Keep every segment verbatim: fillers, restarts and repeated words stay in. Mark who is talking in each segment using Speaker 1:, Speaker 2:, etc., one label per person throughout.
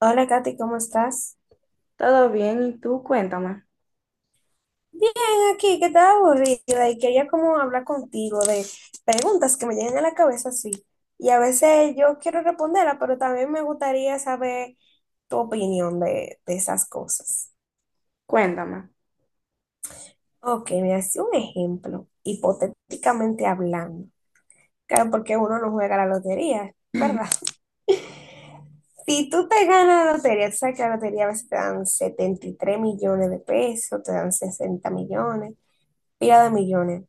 Speaker 1: Hola Katy, ¿cómo estás?
Speaker 2: Todo bien, ¿y tú? Cuéntame,
Speaker 1: Bien, aquí, que estaba aburrida y quería como hablar contigo de preguntas que me llegan a la cabeza, sí. Y a veces yo quiero responderlas, pero también me gustaría saber tu opinión de, de esas cosas.
Speaker 2: cuéntame.
Speaker 1: Ok, me hace un ejemplo, hipotéticamente hablando. Claro, porque uno no juega la lotería, ¿verdad? Si tú te ganas la lotería, tú sabes que la lotería a veces te dan setenta y tres millones de pesos, te dan sesenta millones, pila de millones.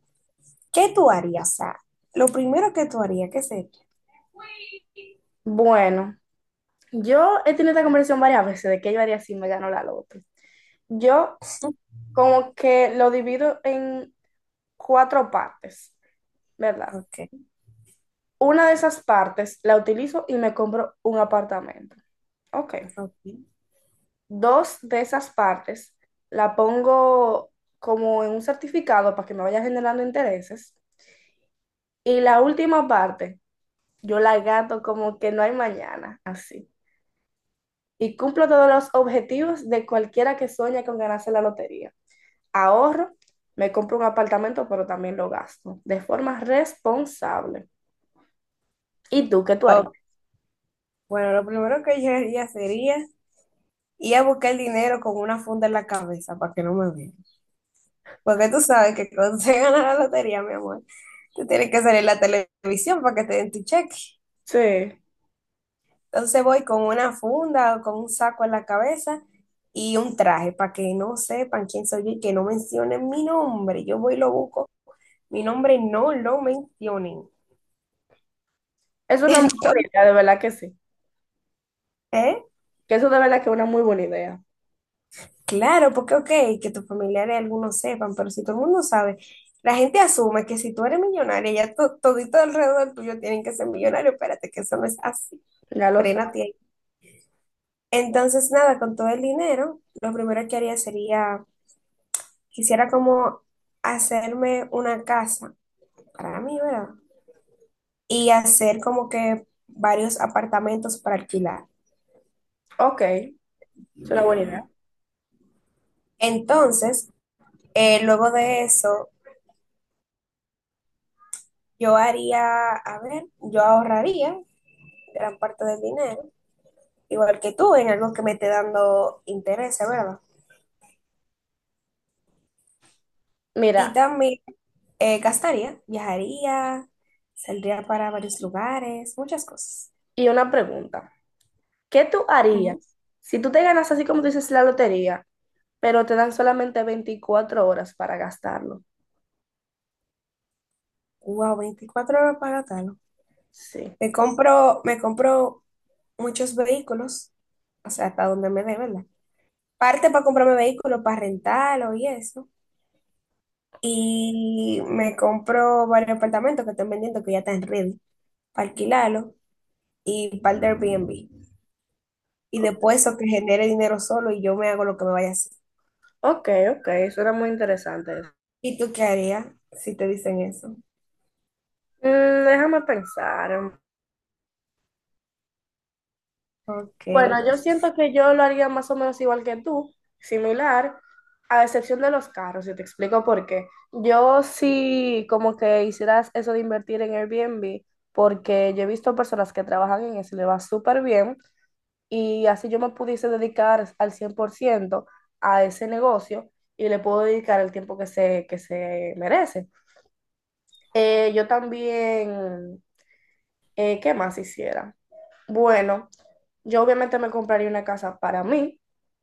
Speaker 1: ¿Qué tú harías? O sea, lo primero que tú harías, ¿qué sería?
Speaker 2: Bueno, yo he tenido esta conversación varias veces de qué yo haría si me ganó la loto. Yo como que lo divido en cuatro partes, ¿verdad?
Speaker 1: Ok,
Speaker 2: Una de esas partes la utilizo y me compro un apartamento. Ok.
Speaker 1: ok.
Speaker 2: Dos de esas partes la pongo como en un certificado para que me vaya generando intereses. Y la última parte, yo la gato como que no hay mañana, así. Y cumplo todos los objetivos de cualquiera que sueña con ganarse la lotería. Ahorro, me compro un apartamento, pero también lo gasto de forma responsable. ¿Y tú qué tú harías?
Speaker 1: Ok. Bueno, lo primero que yo haría sería ir a buscar el dinero con una funda en la cabeza para que no me vean. Porque tú sabes que cuando se gana la lotería, mi amor, tú tienes que salir a la televisión para que te den tu cheque.
Speaker 2: Sí,
Speaker 1: Entonces voy con una funda o con un saco en la cabeza y un traje para que no sepan quién soy yo y que no mencionen mi nombre. Yo voy y lo busco. Mi nombre no lo mencionen.
Speaker 2: es una muy buena idea, de verdad que sí.
Speaker 1: Entonces,
Speaker 2: Que eso de verdad que es una muy buena idea.
Speaker 1: claro, porque ok, que tus familiares algunos sepan, pero si todo el mundo sabe, la gente asume que si tú eres millonaria, ya to- todito alrededor tuyo tienen que ser millonarios, espérate que eso no es así,
Speaker 2: Ya lo
Speaker 1: frénate
Speaker 2: sabes.
Speaker 1: ahí. Entonces, nada, con todo el dinero, lo primero que haría sería, quisiera como hacerme una casa para mí, ¿verdad? Y hacer como que varios apartamentos para alquilar.
Speaker 2: Ok, es una buena idea.
Speaker 1: Entonces, eh, luego de eso, yo haría, a ver, yo ahorraría gran parte del dinero, igual que tú, en algo que me esté dando interés, ¿verdad? Y
Speaker 2: Mira,
Speaker 1: también eh, gastaría, viajaría, saldría para varios lugares, muchas cosas.
Speaker 2: y una pregunta. ¿Qué tú harías
Speaker 1: Ujú.
Speaker 2: si tú te ganas así como tú dices la lotería, pero te dan solamente veinticuatro horas para gastarlo?
Speaker 1: Wow, veinticuatro horas para tal.
Speaker 2: Sí.
Speaker 1: Me compro, me compro muchos vehículos, o sea, hasta donde me dé, ¿verdad? Parte para comprarme vehículos, para rentarlo y eso. Y me compro varios apartamentos que están vendiendo que ya están ready, para alquilarlo y para el Airbnb. Y después eso que genere dinero solo y yo me hago lo que me vaya a hacer.
Speaker 2: Ok, ok, eso era muy interesante.
Speaker 1: ¿Y tú qué harías si te dicen eso?
Speaker 2: Mm, déjame pensar.
Speaker 1: Ok.
Speaker 2: Bueno, yo siento que yo lo haría más o menos igual que tú, similar, a excepción de los carros, y te explico por qué. Yo sí como que hicieras eso de invertir en Airbnb, porque yo he visto personas que trabajan en eso y le va súper bien, y así yo me pudiese dedicar al cien por ciento a ese negocio y le puedo dedicar el tiempo que se, que se merece. Eh, yo también. Eh, ¿qué más hiciera? Bueno, yo obviamente me compraría una casa para mí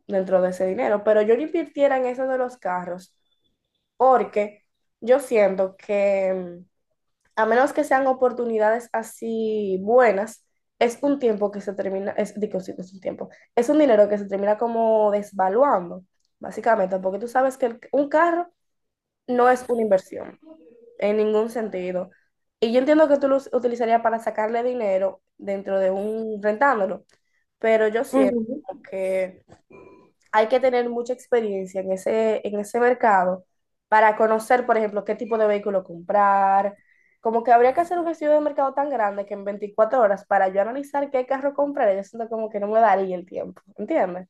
Speaker 2: dentro de ese dinero, pero yo no invirtiera en eso de los carros porque yo siento que mm, a menos que sean oportunidades así buenas, es un tiempo que se termina, es, digo, sí, no es un tiempo, es un dinero que se termina como desvaluando, básicamente, porque tú sabes que el- un carro no es una inversión en ningún sentido. Y yo entiendo que tú lo utilizarías para sacarle dinero dentro de un rentándolo, pero yo siento
Speaker 1: Ujú.
Speaker 2: que hay que tener mucha experiencia en ese, en ese mercado para conocer, por ejemplo, qué tipo de vehículo comprar. Como que habría que hacer un estudio de mercado tan grande que en veinticuatro horas para yo analizar qué carro comprar, yo siento como que no me daría el tiempo, ¿entiendes?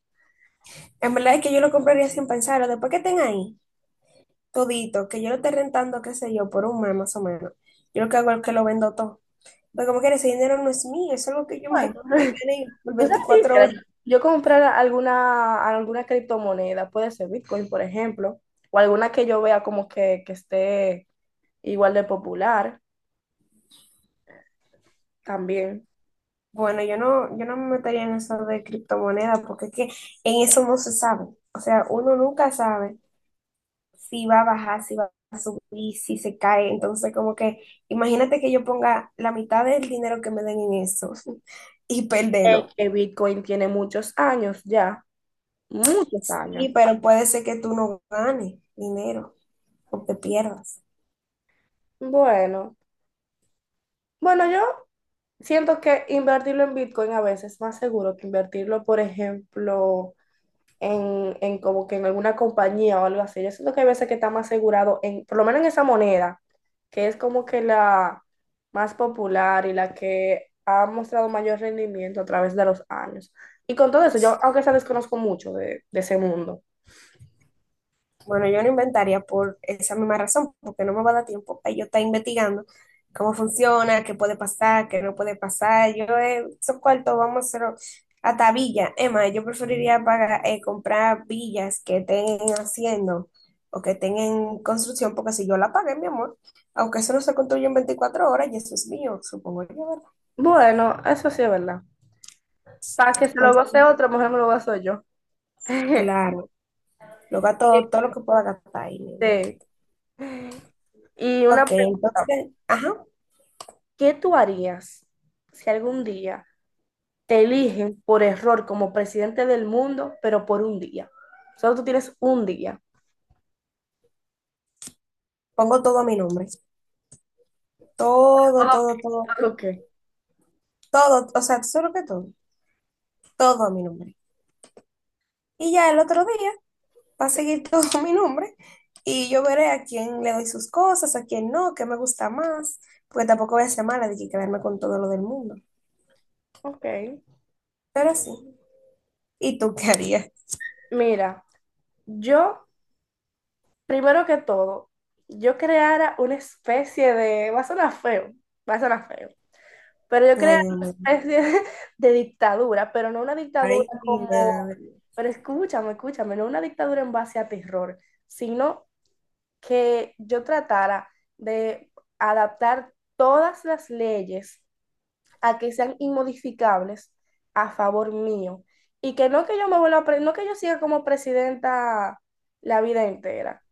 Speaker 1: En verdad es que yo lo compraría sin pensarlo. Después que estén ahí, todito, que yo lo esté rentando, qué sé yo, por un mes más o menos. Yo lo que hago es que lo vendo todo, pero como que ese dinero no es mío, es algo que yo
Speaker 2: Bueno,
Speaker 1: me, me gané por
Speaker 2: tú sabes, que
Speaker 1: veinticuatro
Speaker 2: quisiera
Speaker 1: horas.
Speaker 2: yo, yo comprar alguna, alguna criptomoneda, puede ser Bitcoin, por ejemplo, o alguna que yo vea como que, que esté igual de popular también.
Speaker 1: Bueno, yo no, yo no me metería en eso de criptomonedas porque es que en eso no se sabe. O sea, uno nunca sabe si va a bajar, si va a subir, si se cae. Entonces, como que imagínate que yo ponga la mitad del dinero que me den en eso y
Speaker 2: Eh,
Speaker 1: perderlo.
Speaker 2: que Bitcoin tiene muchos años ya, muchos años.
Speaker 1: Sí, pero puede ser que tú no ganes dinero o te pierdas.
Speaker 2: Bueno, bueno, yo siento que invertirlo en Bitcoin a veces es más seguro que invertirlo, por ejemplo, en, en como que en alguna compañía o algo así. Yo siento que hay veces que está más asegurado en, por lo menos en esa moneda, que es como que la más popular y la que ha mostrado mayor rendimiento a través de los años. Y con todo eso, yo aunque sea desconozco mucho de, de ese mundo.
Speaker 1: Bueno, yo no inventaría por esa misma razón, porque no me va a dar tiempo para yo estar investigando cómo funciona, qué puede pasar, qué no puede pasar. Yo eh, esos cuartos vamos a hacerlo hasta villas. Emma, yo preferiría pagar, eh, comprar villas que estén haciendo o que estén en construcción, porque si yo la pagué, mi amor, aunque eso no se construye en veinticuatro horas, y eso es mío, supongo yo, ¿verdad?
Speaker 2: Bueno, eso sí es verdad. Para que se lo
Speaker 1: Entonces,
Speaker 2: goce otro, mejor me lo gozo yo.
Speaker 1: claro, lo gasto todo lo que pueda gastar ahí.
Speaker 2: Este, Y una
Speaker 1: Ok,
Speaker 2: pregunta,
Speaker 1: entonces, ajá,
Speaker 2: ¿qué tú harías si algún día te eligen por error como presidente del mundo, pero por un día? Solo tú tienes un día.
Speaker 1: pongo todo a mi nombre. Todo,
Speaker 2: Ah,
Speaker 1: todo, todo,
Speaker 2: ok.
Speaker 1: todo, o sea, solo que todo, todo a mi nombre. Y ya el otro día va a seguir todo a mi nombre y yo veré a quién le doy sus cosas, a quién no, qué me gusta más, porque tampoco voy a ser mala de que quedarme con todo lo del mundo.
Speaker 2: Ok.
Speaker 1: Pero sí. ¿Y tú qué harías?
Speaker 2: Mira, yo, primero que todo, yo creara una especie de, va a sonar feo, va a sonar feo, pero yo
Speaker 1: Ay,
Speaker 2: creara
Speaker 1: Dios
Speaker 2: una
Speaker 1: mío.
Speaker 2: especie de, de dictadura, pero no una dictadura
Speaker 1: Ay, mi
Speaker 2: como,
Speaker 1: madre.
Speaker 2: pero escúchame, escúchame, no una dictadura en base a terror, sino que yo tratara de adaptar todas las leyes a que sean inmodificables a favor mío. Y que no que yo me vuelva, pre- no que yo siga como presidenta la vida entera,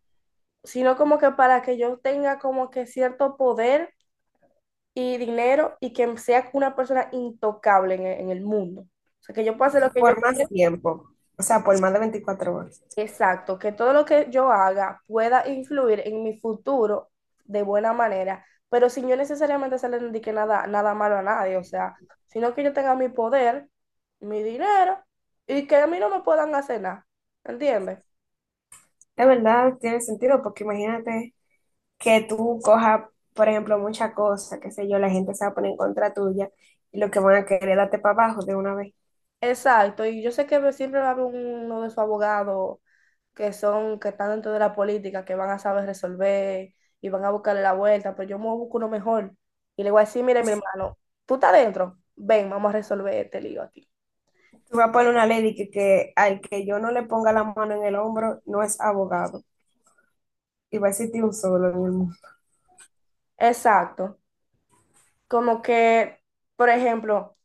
Speaker 2: sino como que para que yo tenga como que cierto poder y dinero y que sea una persona intocable en el, en el mundo. O sea, que yo pueda hacer lo que yo
Speaker 1: Por más
Speaker 2: quiera.
Speaker 1: tiempo, o sea, por más de veinticuatro horas.
Speaker 2: Exacto, que todo lo que yo haga pueda influir en mi futuro de buena manera, pero sin yo necesariamente hacerle le indique nada, nada malo a nadie, o sea, sino que yo tenga mi poder, mi dinero y que a mí no me puedan hacer nada, ¿entiendes?
Speaker 1: De verdad, tiene sentido, porque imagínate que tú cojas, por ejemplo, muchas cosas, qué sé yo, la gente se va a poner en contra tuya y lo que van a querer es darte para abajo de una vez.
Speaker 2: Exacto, y yo sé que siempre va a haber uno de sus abogados que son, que están dentro de la política, que van a saber resolver y van a buscarle la vuelta, pero yo me busco uno mejor y le voy a decir, mire mi hermano, tú estás dentro, ven, vamos a resolver este lío aquí.
Speaker 1: Tú vas a poner una ley de que, que al que yo no le ponga la mano en el hombro no es abogado y va a existir un solo en el mundo.
Speaker 2: Exacto. Como que, por ejemplo,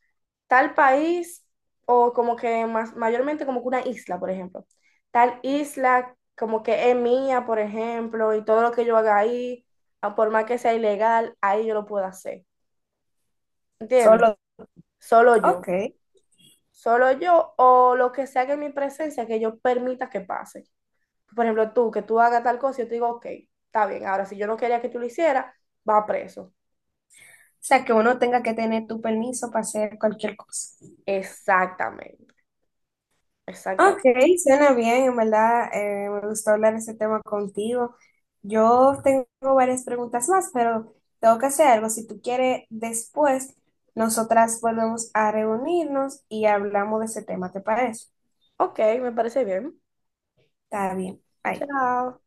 Speaker 2: tal país o como que más, mayormente como que una isla, por ejemplo. Tal isla como que es mía, por ejemplo, y todo lo que yo haga ahí, a por más que sea ilegal, ahí yo lo puedo hacer. ¿Entiendes?
Speaker 1: Solo,
Speaker 2: Solo yo.
Speaker 1: ok.
Speaker 2: Solo yo o lo que sea que en mi presencia que yo permita que pase. Por ejemplo, tú, que tú hagas tal cosa, yo te digo, ok, está bien. Ahora, si yo no quería que tú lo hicieras, va preso.
Speaker 1: O sea, que uno tenga que tener tu permiso para hacer cualquier cosa.
Speaker 2: Exactamente,
Speaker 1: Ok,
Speaker 2: exactamente.
Speaker 1: suena bien, en verdad, eh, me gustó hablar de ese tema contigo. Yo tengo varias preguntas más, pero tengo que hacer algo. Si tú quieres, después nosotras volvemos a reunirnos y hablamos de ese tema, ¿te parece?
Speaker 2: Ok, me parece bien.
Speaker 1: Está bien. Bye.
Speaker 2: Chao.